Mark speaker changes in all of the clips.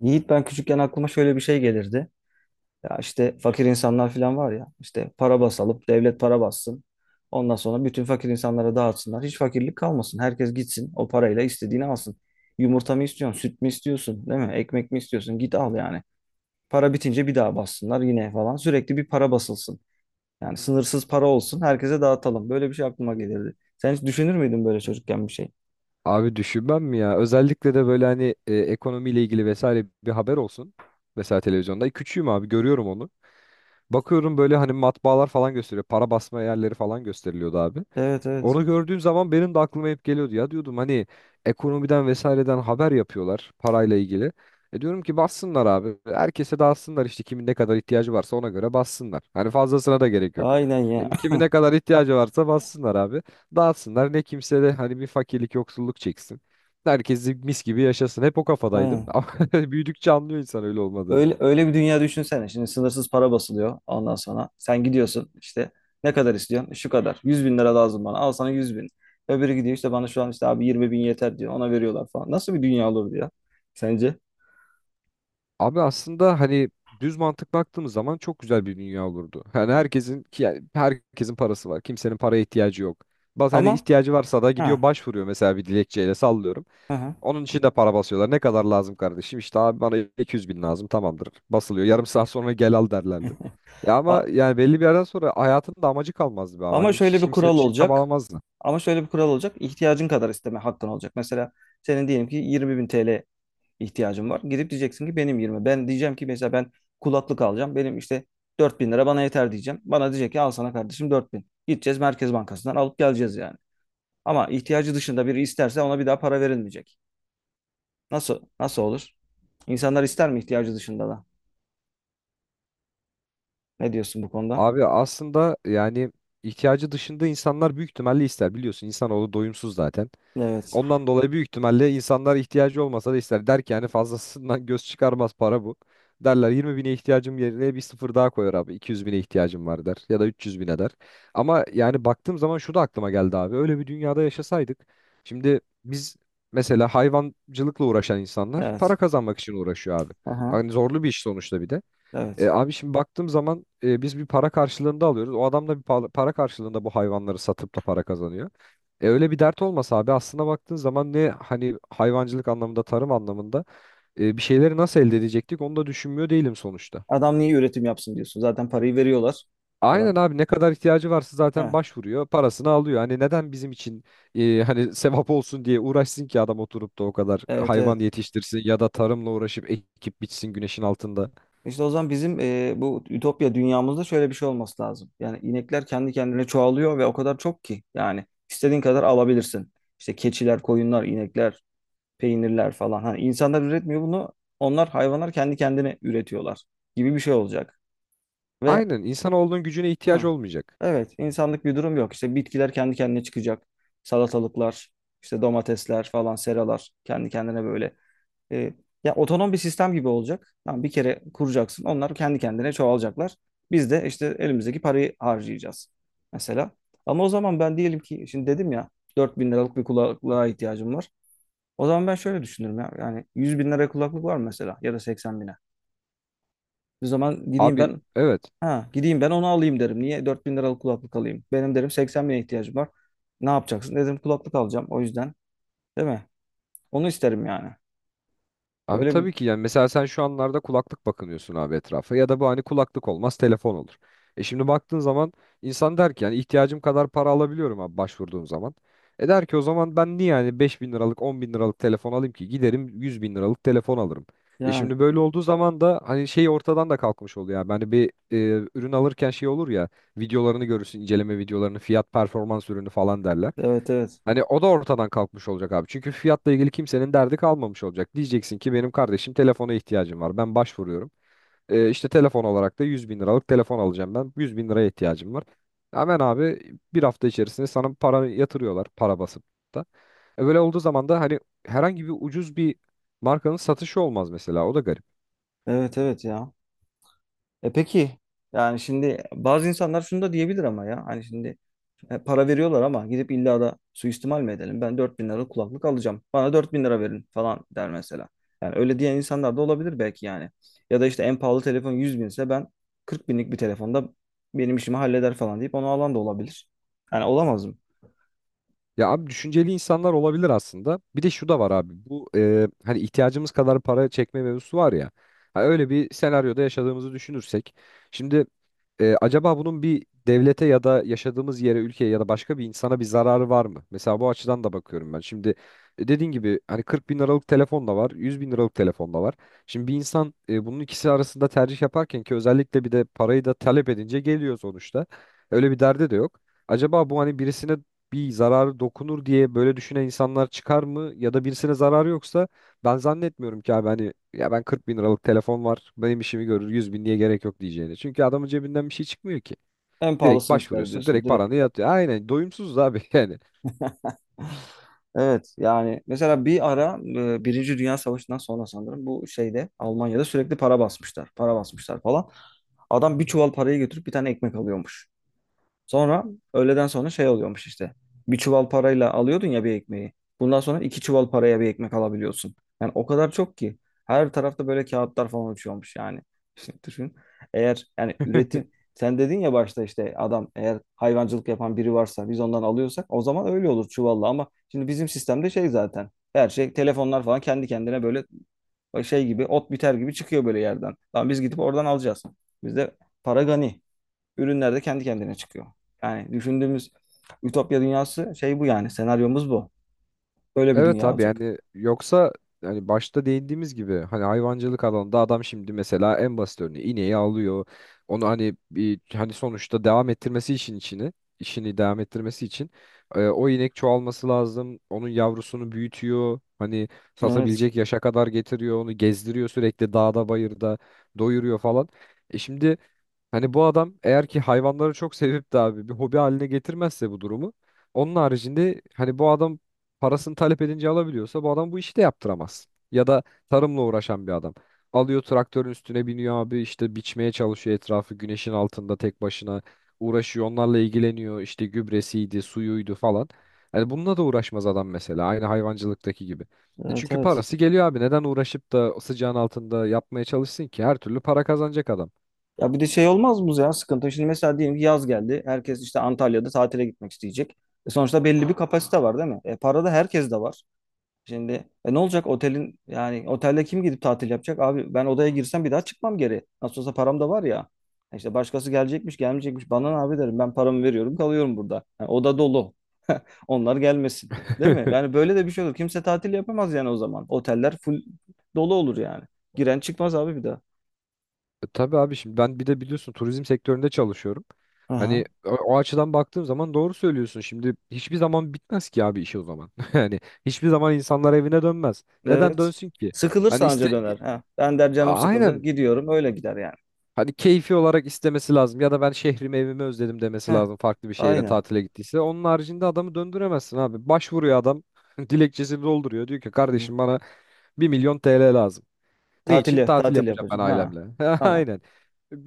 Speaker 1: Yiğit ben küçükken aklıma şöyle bir şey gelirdi. Ya işte fakir insanlar falan var ya işte para basalım, devlet para bassın. Ondan sonra bütün fakir insanlara dağıtsınlar. Hiç fakirlik kalmasın. Herkes gitsin o parayla istediğini alsın. Yumurta mı istiyorsun? Süt mü istiyorsun? Değil mi? Ekmek mi istiyorsun? Git al yani. Para bitince bir daha bassınlar yine falan. Sürekli bir para basılsın. Yani sınırsız para olsun. Herkese dağıtalım. Böyle bir şey aklıma gelirdi. Sen hiç düşünür müydün böyle çocukken bir şey?
Speaker 2: Abi düşünmem mi ya? Özellikle de böyle hani ekonomiyle ilgili vesaire bir haber olsun. Mesela televizyonda. Küçüğüm abi, görüyorum onu. Bakıyorum böyle hani matbaalar falan gösteriyor. Para basma yerleri falan gösteriliyordu abi.
Speaker 1: Evet, evet.
Speaker 2: Onu gördüğüm zaman benim de aklıma hep geliyordu. Ya diyordum hani ekonomiden vesaireden haber yapıyorlar parayla ilgili. E diyorum ki bassınlar abi. Herkese dağıtsınlar işte, kimin ne kadar ihtiyacı varsa ona göre bassınlar. Hani fazlasına da gerek yok.
Speaker 1: Aynen ya.
Speaker 2: Yani kimin ne kadar ihtiyacı varsa bassınlar abi. Dağıtsınlar. Ne kimse de hani bir fakirlik, yoksulluk çeksin. Herkes mis gibi yaşasın. Hep o kafadaydım.
Speaker 1: Aynen.
Speaker 2: Ama büyüdükçe anlıyor insan öyle olmadığını.
Speaker 1: Öyle, öyle bir dünya düşünsene. Şimdi sınırsız para basılıyor ondan sonra. Sen gidiyorsun işte, ne kadar istiyorsun? Şu kadar. 100 bin lira lazım bana. Al sana 100 bin. Öbürü gidiyor işte, bana şu an işte abi 20 bin yeter diyor. Ona veriyorlar falan. Nasıl bir dünya olur diyor sence?
Speaker 2: Abi aslında hani düz mantık baktığımız zaman çok güzel bir dünya olurdu. Hani herkesin ki yani herkesin parası var. Kimsenin paraya ihtiyacı yok. Bazı hani
Speaker 1: Ama
Speaker 2: ihtiyacı varsa da
Speaker 1: ha,
Speaker 2: gidiyor başvuruyor mesela, bir dilekçeyle sallıyorum.
Speaker 1: hı hı.
Speaker 2: Onun için de para basıyorlar. Ne kadar lazım kardeşim? İşte abi bana 200 bin lazım, tamamdır. Basılıyor. Yarım saat sonra gel al derlerdi. Ya ama
Speaker 1: A-
Speaker 2: yani belli bir yerden sonra hayatın da amacı kalmazdı be abi.
Speaker 1: Ama
Speaker 2: Hani
Speaker 1: şöyle
Speaker 2: hiç
Speaker 1: bir
Speaker 2: kimse bir
Speaker 1: kural
Speaker 2: şey
Speaker 1: olacak.
Speaker 2: çabalamazdı.
Speaker 1: Ama şöyle bir kural olacak. İhtiyacın kadar isteme hakkın olacak. Mesela senin diyelim ki 20 bin TL ihtiyacım var. Gidip diyeceksin ki benim 20. Ben diyeceğim ki mesela ben kulaklık alacağım. Benim işte 4000 lira bana yeter diyeceğim. Bana diyecek ki al sana kardeşim 4000. Gideceğiz Merkez Bankası'ndan alıp geleceğiz yani. Ama ihtiyacı dışında biri isterse ona bir daha para verilmeyecek. Nasıl olur? İnsanlar ister mi ihtiyacı dışında da? Ne diyorsun bu konuda?
Speaker 2: Abi aslında yani ihtiyacı dışında insanlar büyük ihtimalle ister. Biliyorsun insanoğlu doyumsuz zaten.
Speaker 1: Evet.
Speaker 2: Ondan dolayı büyük ihtimalle insanlar ihtiyacı olmasa da ister. Der ki yani fazlasından göz çıkarmaz para bu. Derler 20 bine ihtiyacım yerine bir sıfır daha koyar abi. 200 bine ihtiyacım var der. Ya da 300 bine der. Ama yani baktığım zaman şu da aklıma geldi abi. Öyle bir dünyada yaşasaydık. Şimdi biz mesela hayvancılıkla uğraşan insanlar para
Speaker 1: Evet.
Speaker 2: kazanmak için uğraşıyor abi.
Speaker 1: Aha.
Speaker 2: Hani zorlu bir iş sonuçta, bir de.
Speaker 1: Evet.
Speaker 2: Abi şimdi baktığım zaman biz bir para karşılığında alıyoruz. O adam da bir para karşılığında bu hayvanları satıp da para kazanıyor. Öyle bir dert olmasa abi, aslına baktığın zaman ne hani hayvancılık anlamında, tarım anlamında bir şeyleri nasıl elde edecektik onu da düşünmüyor değilim sonuçta.
Speaker 1: Adam niye üretim yapsın diyorsun. Zaten parayı veriyorlar.
Speaker 2: Aynen
Speaker 1: Adam.
Speaker 2: abi, ne kadar ihtiyacı varsa zaten
Speaker 1: Heh.
Speaker 2: başvuruyor, parasını alıyor. Hani neden bizim için hani sevap olsun diye uğraşsın ki adam oturup da o kadar
Speaker 1: Evet,
Speaker 2: hayvan
Speaker 1: evet.
Speaker 2: yetiştirsin ya da tarımla uğraşıp ekip biçsin güneşin altında.
Speaker 1: İşte o zaman bizim bu ütopya dünyamızda şöyle bir şey olması lazım. Yani inekler kendi kendine çoğalıyor ve o kadar çok ki, yani istediğin kadar alabilirsin. İşte keçiler, koyunlar, inekler, peynirler falan. Hani insanlar üretmiyor bunu. Onlar, hayvanlar kendi kendine üretiyorlar gibi bir şey olacak. Ve
Speaker 2: Aynen, insanoğlunun gücüne ihtiyaç
Speaker 1: hı,
Speaker 2: olmayacak.
Speaker 1: evet, insanlık bir durum yok. İşte bitkiler kendi kendine çıkacak. Salatalıklar, işte domatesler falan, seralar kendi kendine böyle, e, ya otonom bir sistem gibi olacak. Tamam, bir kere kuracaksın. Onlar kendi kendine çoğalacaklar. Biz de işte elimizdeki parayı harcayacağız. Mesela. Ama o zaman ben diyelim ki, şimdi dedim ya, 4000 liralık bir kulaklığa ihtiyacım var. O zaman ben şöyle düşünürüm ya. Yani 100 bin liraya kulaklık var mı mesela, ya da 80 bine. O zaman gideyim
Speaker 2: Abi,
Speaker 1: ben
Speaker 2: evet.
Speaker 1: ha gideyim ben onu alayım derim. Niye 4000 liralık kulaklık alayım? Benim derim 80 bine ihtiyacım var. Ne yapacaksın? Dedim kulaklık alacağım o yüzden. Değil mi? Onu isterim yani.
Speaker 2: Abi
Speaker 1: Böyle bir
Speaker 2: tabii ki, yani mesela sen şu anlarda kulaklık bakınıyorsun abi etrafa, ya da bu hani kulaklık olmaz telefon olur. E şimdi baktığın zaman insan der ki yani ihtiyacım kadar para alabiliyorum abi başvurduğum zaman. E der ki o zaman ben niye yani 5 bin liralık, 10 bin liralık telefon alayım ki, giderim 100 bin liralık telefon alırım. E
Speaker 1: yani,
Speaker 2: şimdi böyle olduğu zaman da hani şey ortadan da kalkmış oluyor, yani hani bir ürün alırken şey olur ya, videolarını görürsün, inceleme videolarını, fiyat performans ürünü falan derler.
Speaker 1: evet, evet.
Speaker 2: Hani o da ortadan kalkmış olacak abi. Çünkü fiyatla ilgili kimsenin derdi kalmamış olacak. Diyeceksin ki benim kardeşim telefona ihtiyacım var. Ben başvuruyorum. İşte telefon olarak da 100 bin liralık telefon alacağım ben. 100 bin liraya ihtiyacım var. Hemen abi bir hafta içerisinde sana para yatırıyorlar. Para basıp da. E böyle olduğu zaman da hani herhangi bir ucuz bir markanın satışı olmaz mesela. O da garip.
Speaker 1: Evet evet ya. E peki, yani şimdi bazı insanlar şunu da diyebilir ama, ya hani şimdi para veriyorlar ama gidip illa da suistimal mi edelim? Ben 4000 lira kulaklık alacağım. Bana 4000 lira verin falan der mesela. Yani öyle diyen insanlar da olabilir belki yani. Ya da işte en pahalı telefon 100 binse, ben 40 binlik bir telefonda benim işimi halleder falan deyip onu alan da olabilir. Yani olamaz mı?
Speaker 2: Ya abi düşünceli insanlar olabilir aslında. Bir de şu da var abi. Bu hani ihtiyacımız kadar para çekme mevzusu var ya. Ha, öyle bir senaryoda yaşadığımızı düşünürsek. Şimdi acaba bunun bir devlete ya da yaşadığımız yere, ülkeye ya da başka bir insana bir zararı var mı? Mesela bu açıdan da bakıyorum ben. Şimdi dediğin gibi hani 40 bin liralık telefon da var, 100 bin liralık telefon da var. Şimdi bir insan bunun ikisi arasında tercih yaparken, ki özellikle bir de parayı da talep edince geliyor sonuçta. Öyle bir derdi de yok. Acaba bu hani birisine bir zararı dokunur diye böyle düşünen insanlar çıkar mı? Ya da birisine zararı yoksa ben zannetmiyorum ki abi hani, ya ben 40 bin liralık telefon var benim işimi görür, 100 bin diye gerek yok diyeceğini. Çünkü adamın cebinden bir şey çıkmıyor ki.
Speaker 1: En
Speaker 2: Direkt
Speaker 1: pahalısını ister
Speaker 2: başvuruyorsun,
Speaker 1: diyorsun
Speaker 2: direkt
Speaker 1: direkt.
Speaker 2: paranı yatıyor. Aynen, doyumsuz abi. Yani.
Speaker 1: Evet yani, mesela bir ara Birinci Dünya Savaşı'ndan sonra sanırım, bu şeyde, Almanya'da sürekli para basmışlar. Para basmışlar falan. Adam bir çuval parayı götürüp bir tane ekmek alıyormuş. Sonra öğleden sonra şey oluyormuş işte. Bir çuval parayla alıyordun ya bir ekmeği. Bundan sonra iki çuval paraya bir ekmek alabiliyorsun. Yani o kadar çok ki. Her tarafta böyle kağıtlar falan uçuyormuş yani. Şimdi düşün. Eğer yani üretim, sen dedin ya başta, işte adam eğer hayvancılık yapan biri varsa, biz ondan alıyorsak, o zaman öyle olur çuvalla, ama şimdi bizim sistemde şey, zaten her şey, telefonlar falan kendi kendine böyle şey gibi, ot biter gibi çıkıyor böyle yerden. Tamam, biz gidip oradan alacağız. Bizde para gani. Ürünler de kendi kendine çıkıyor. Yani düşündüğümüz ütopya dünyası şey bu yani. Senaryomuz bu. Böyle bir
Speaker 2: Evet
Speaker 1: dünya
Speaker 2: abi,
Speaker 1: olacak.
Speaker 2: yani yoksa hani başta değindiğimiz gibi hani hayvancılık alanında adam, şimdi mesela en basit örneği, ineği alıyor. Onu hani bir hani sonuçta devam ettirmesi için içini, işini devam ettirmesi için o inek çoğalması lazım. Onun yavrusunu büyütüyor. Hani
Speaker 1: Evet.
Speaker 2: satabilecek yaşa kadar getiriyor. Onu gezdiriyor sürekli dağda bayırda doyuruyor falan. E şimdi Hani bu adam eğer ki hayvanları çok sevip de abi bir hobi haline getirmezse bu durumu, onun haricinde hani bu adam parasını talep edince alabiliyorsa bu adam bu işi de yaptıramaz. Ya da tarımla uğraşan bir adam. Alıyor traktörün üstüne biniyor abi, işte biçmeye çalışıyor etrafı, güneşin altında tek başına uğraşıyor, onlarla ilgileniyor işte, gübresiydi suyuydu falan. Hani bununla da uğraşmaz adam mesela, aynı hayvancılıktaki gibi.
Speaker 1: Evet,
Speaker 2: Çünkü
Speaker 1: evet.
Speaker 2: parası geliyor abi, neden uğraşıp da sıcağın altında yapmaya çalışsın ki, her türlü para kazanacak adam.
Speaker 1: Ya bir de şey olmaz mı ya, sıkıntı? Şimdi mesela diyelim ki yaz geldi. Herkes işte Antalya'da tatile gitmek isteyecek. E sonuçta belli bir kapasite var değil mi? E para da herkes de var. Şimdi ne olacak otelin, yani otelde kim gidip tatil yapacak? Abi ben odaya girsem bir daha çıkmam geri. Nasıl olsa param da var ya. E İşte başkası gelecekmiş, gelmeyecekmiş. Bana ne abi, derim ben paramı veriyorum kalıyorum burada. Yani oda dolu. Onlar gelmesin. Değil mi? Yani böyle de bir şey olur. Kimse tatil yapamaz yani o zaman. Oteller full dolu olur yani. Giren çıkmaz abi bir daha.
Speaker 2: Tabii abi, şimdi ben bir de biliyorsun turizm sektöründe çalışıyorum. Hani
Speaker 1: Aha.
Speaker 2: o açıdan baktığım zaman doğru söylüyorsun. Şimdi hiçbir zaman bitmez ki abi işi o zaman. Yani hiçbir zaman insanlar evine dönmez. Neden
Speaker 1: Evet.
Speaker 2: dönsün ki?
Speaker 1: Sıkılır
Speaker 2: Hani iste,
Speaker 1: sadece döner. Ha. Ben der canım sıkıldı.
Speaker 2: Aynen,
Speaker 1: Gidiyorum öyle gider yani.
Speaker 2: hani keyfi olarak istemesi lazım ya da ben şehrimi, evimi özledim demesi
Speaker 1: Ha.
Speaker 2: lazım farklı bir şehire
Speaker 1: Aynen.
Speaker 2: tatile gittiyse. Onun haricinde adamı döndüremezsin abi. Başvuruyor adam dilekçesini dolduruyor. Diyor ki
Speaker 1: Hı.
Speaker 2: kardeşim, bana 1.000.000 TL lazım. Ne için?
Speaker 1: Tatil,
Speaker 2: Tatil
Speaker 1: tatil
Speaker 2: yapacağım ben
Speaker 1: yapacağım. Ha.
Speaker 2: ailemle.
Speaker 1: Tamam.
Speaker 2: Aynen.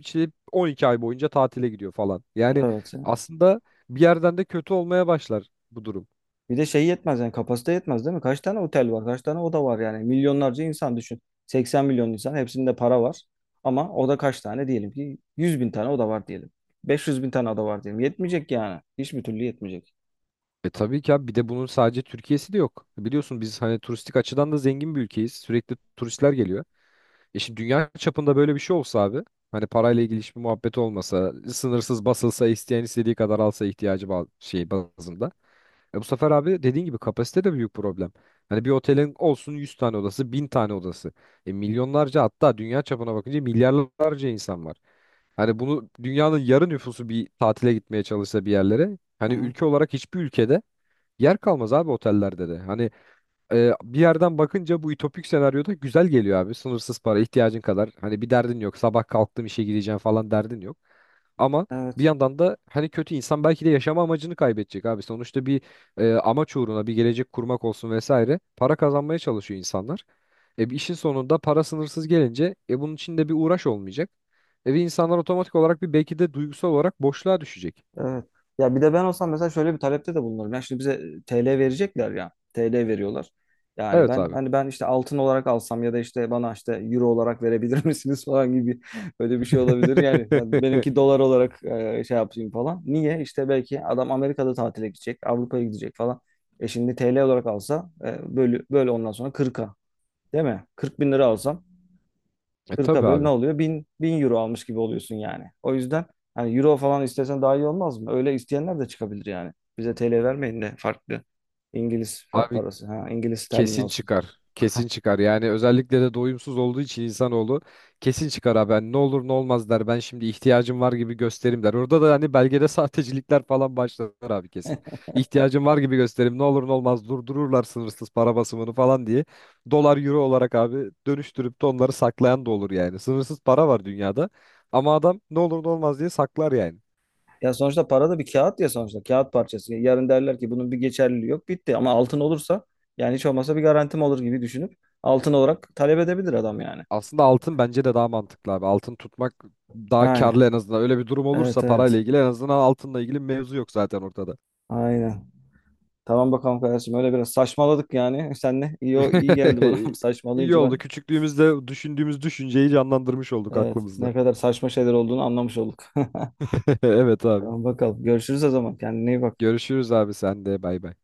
Speaker 2: İşte 12 ay boyunca tatile gidiyor falan. Yani
Speaker 1: Evet.
Speaker 2: aslında bir yerden de kötü olmaya başlar bu durum.
Speaker 1: Bir de şey yetmez yani, kapasite yetmez değil mi? Kaç tane otel var? Kaç tane oda var yani? Milyonlarca insan düşün. 80 milyon insan, hepsinde para var. Ama oda kaç tane, diyelim ki 100 bin tane oda var diyelim. 500 bin tane oda var diyelim. Yetmeyecek yani. Hiçbir türlü yetmeyecek.
Speaker 2: E tabii ki abi, bir de bunun sadece Türkiye'si de yok. Biliyorsun biz hani turistik açıdan da zengin bir ülkeyiz. Sürekli turistler geliyor. E şimdi dünya çapında böyle bir şey olsa abi. Hani parayla ilgili hiçbir muhabbet olmasa, sınırsız basılsa, isteyen istediği kadar alsa ihtiyacı şey bazında. E bu sefer abi dediğin gibi kapasite de büyük problem. Hani bir otelin olsun 100 tane odası, 1.000 tane odası. E, milyonlarca hatta dünya çapına bakınca milyarlarca insan var. Hani bunu dünyanın yarı nüfusu bir tatile gitmeye çalışsa bir yerlere.
Speaker 1: Hı
Speaker 2: Hani
Speaker 1: hı.
Speaker 2: ülke olarak hiçbir ülkede yer kalmaz abi otellerde de. Hani bir yerden bakınca bu ütopik senaryoda güzel geliyor abi. Sınırsız para, ihtiyacın kadar. Hani bir derdin yok. Sabah kalktım işe gideceğim falan derdin yok. Ama bir
Speaker 1: Evet.
Speaker 2: yandan da hani kötü, insan belki de yaşama amacını kaybedecek abi. Sonuçta bir amaç uğruna bir gelecek kurmak olsun vesaire, para kazanmaya çalışıyor insanlar. E, bir işin sonunda para sınırsız gelince bunun için de bir uğraş olmayacak. E, ve insanlar otomatik olarak, bir belki de duygusal olarak boşluğa düşecek.
Speaker 1: Evet. Ya bir de ben olsam mesela şöyle bir talepte de bulunurum. Yani şimdi bize TL verecekler ya. TL veriyorlar. Yani
Speaker 2: Evet
Speaker 1: ben
Speaker 2: abi.
Speaker 1: hani, ben işte altın olarak alsam, ya da işte bana işte euro olarak verebilir misiniz falan gibi böyle bir şey olabilir. Yani, benimki dolar olarak şey yapayım falan. Niye? İşte belki adam Amerika'da tatile gidecek, Avrupa'ya gidecek falan. E şimdi TL olarak alsa böyle, ondan sonra 40'a, değil mi? 40 bin lira alsam,
Speaker 2: E tabii
Speaker 1: 40'a böl ne
Speaker 2: abi.
Speaker 1: oluyor? 1000, 1000 euro almış gibi oluyorsun yani. O yüzden hani euro falan istesen daha iyi olmaz mı? Öyle isteyenler de çıkabilir yani. Bize TL vermeyin de farklı İngiliz
Speaker 2: Abi,
Speaker 1: parası. Ha, İngiliz sterlin
Speaker 2: kesin
Speaker 1: olsun.
Speaker 2: çıkar. Kesin çıkar. Yani özellikle de doyumsuz olduğu için insanoğlu kesin çıkar abi. Hani ne olur ne olmaz der. Ben şimdi ihtiyacım var gibi gösterim der. Orada da hani belgede sahtecilikler falan başlar abi, kesin. İhtiyacım var gibi gösterim. Ne olur ne olmaz durdururlar sınırsız para basımını falan diye. Dolar, euro olarak abi dönüştürüp de onları saklayan da olur yani. Sınırsız para var dünyada. Ama adam ne olur ne olmaz diye saklar yani.
Speaker 1: Ya sonuçta para da bir kağıt ya sonuçta. Kağıt parçası. Yarın derler ki bunun bir geçerliliği yok, bitti. Ama altın olursa, yani hiç olmazsa bir garantim olur gibi düşünüp altın olarak talep edebilir adam yani.
Speaker 2: Aslında altın bence de daha mantıklı abi. Altın tutmak daha
Speaker 1: Yani.
Speaker 2: karlı en azından. Öyle bir durum olursa
Speaker 1: Evet,
Speaker 2: parayla
Speaker 1: evet.
Speaker 2: ilgili, en azından altınla ilgili mevzu yok zaten ortada.
Speaker 1: Aynen. Tamam bakalım kardeşim, öyle biraz saçmaladık yani. Senle iyi geldi bana
Speaker 2: İyi
Speaker 1: saçmalayınca
Speaker 2: oldu.
Speaker 1: ben.
Speaker 2: Küçüklüğümüzde düşündüğümüz düşünceyi canlandırmış olduk
Speaker 1: Evet, ne
Speaker 2: aklımızda.
Speaker 1: kadar saçma şeyler olduğunu anlamış olduk.
Speaker 2: Evet abi.
Speaker 1: Tamam bakalım. Görüşürüz o zaman. Kendine iyi bak.
Speaker 2: Görüşürüz abi, sen de. Bay bay.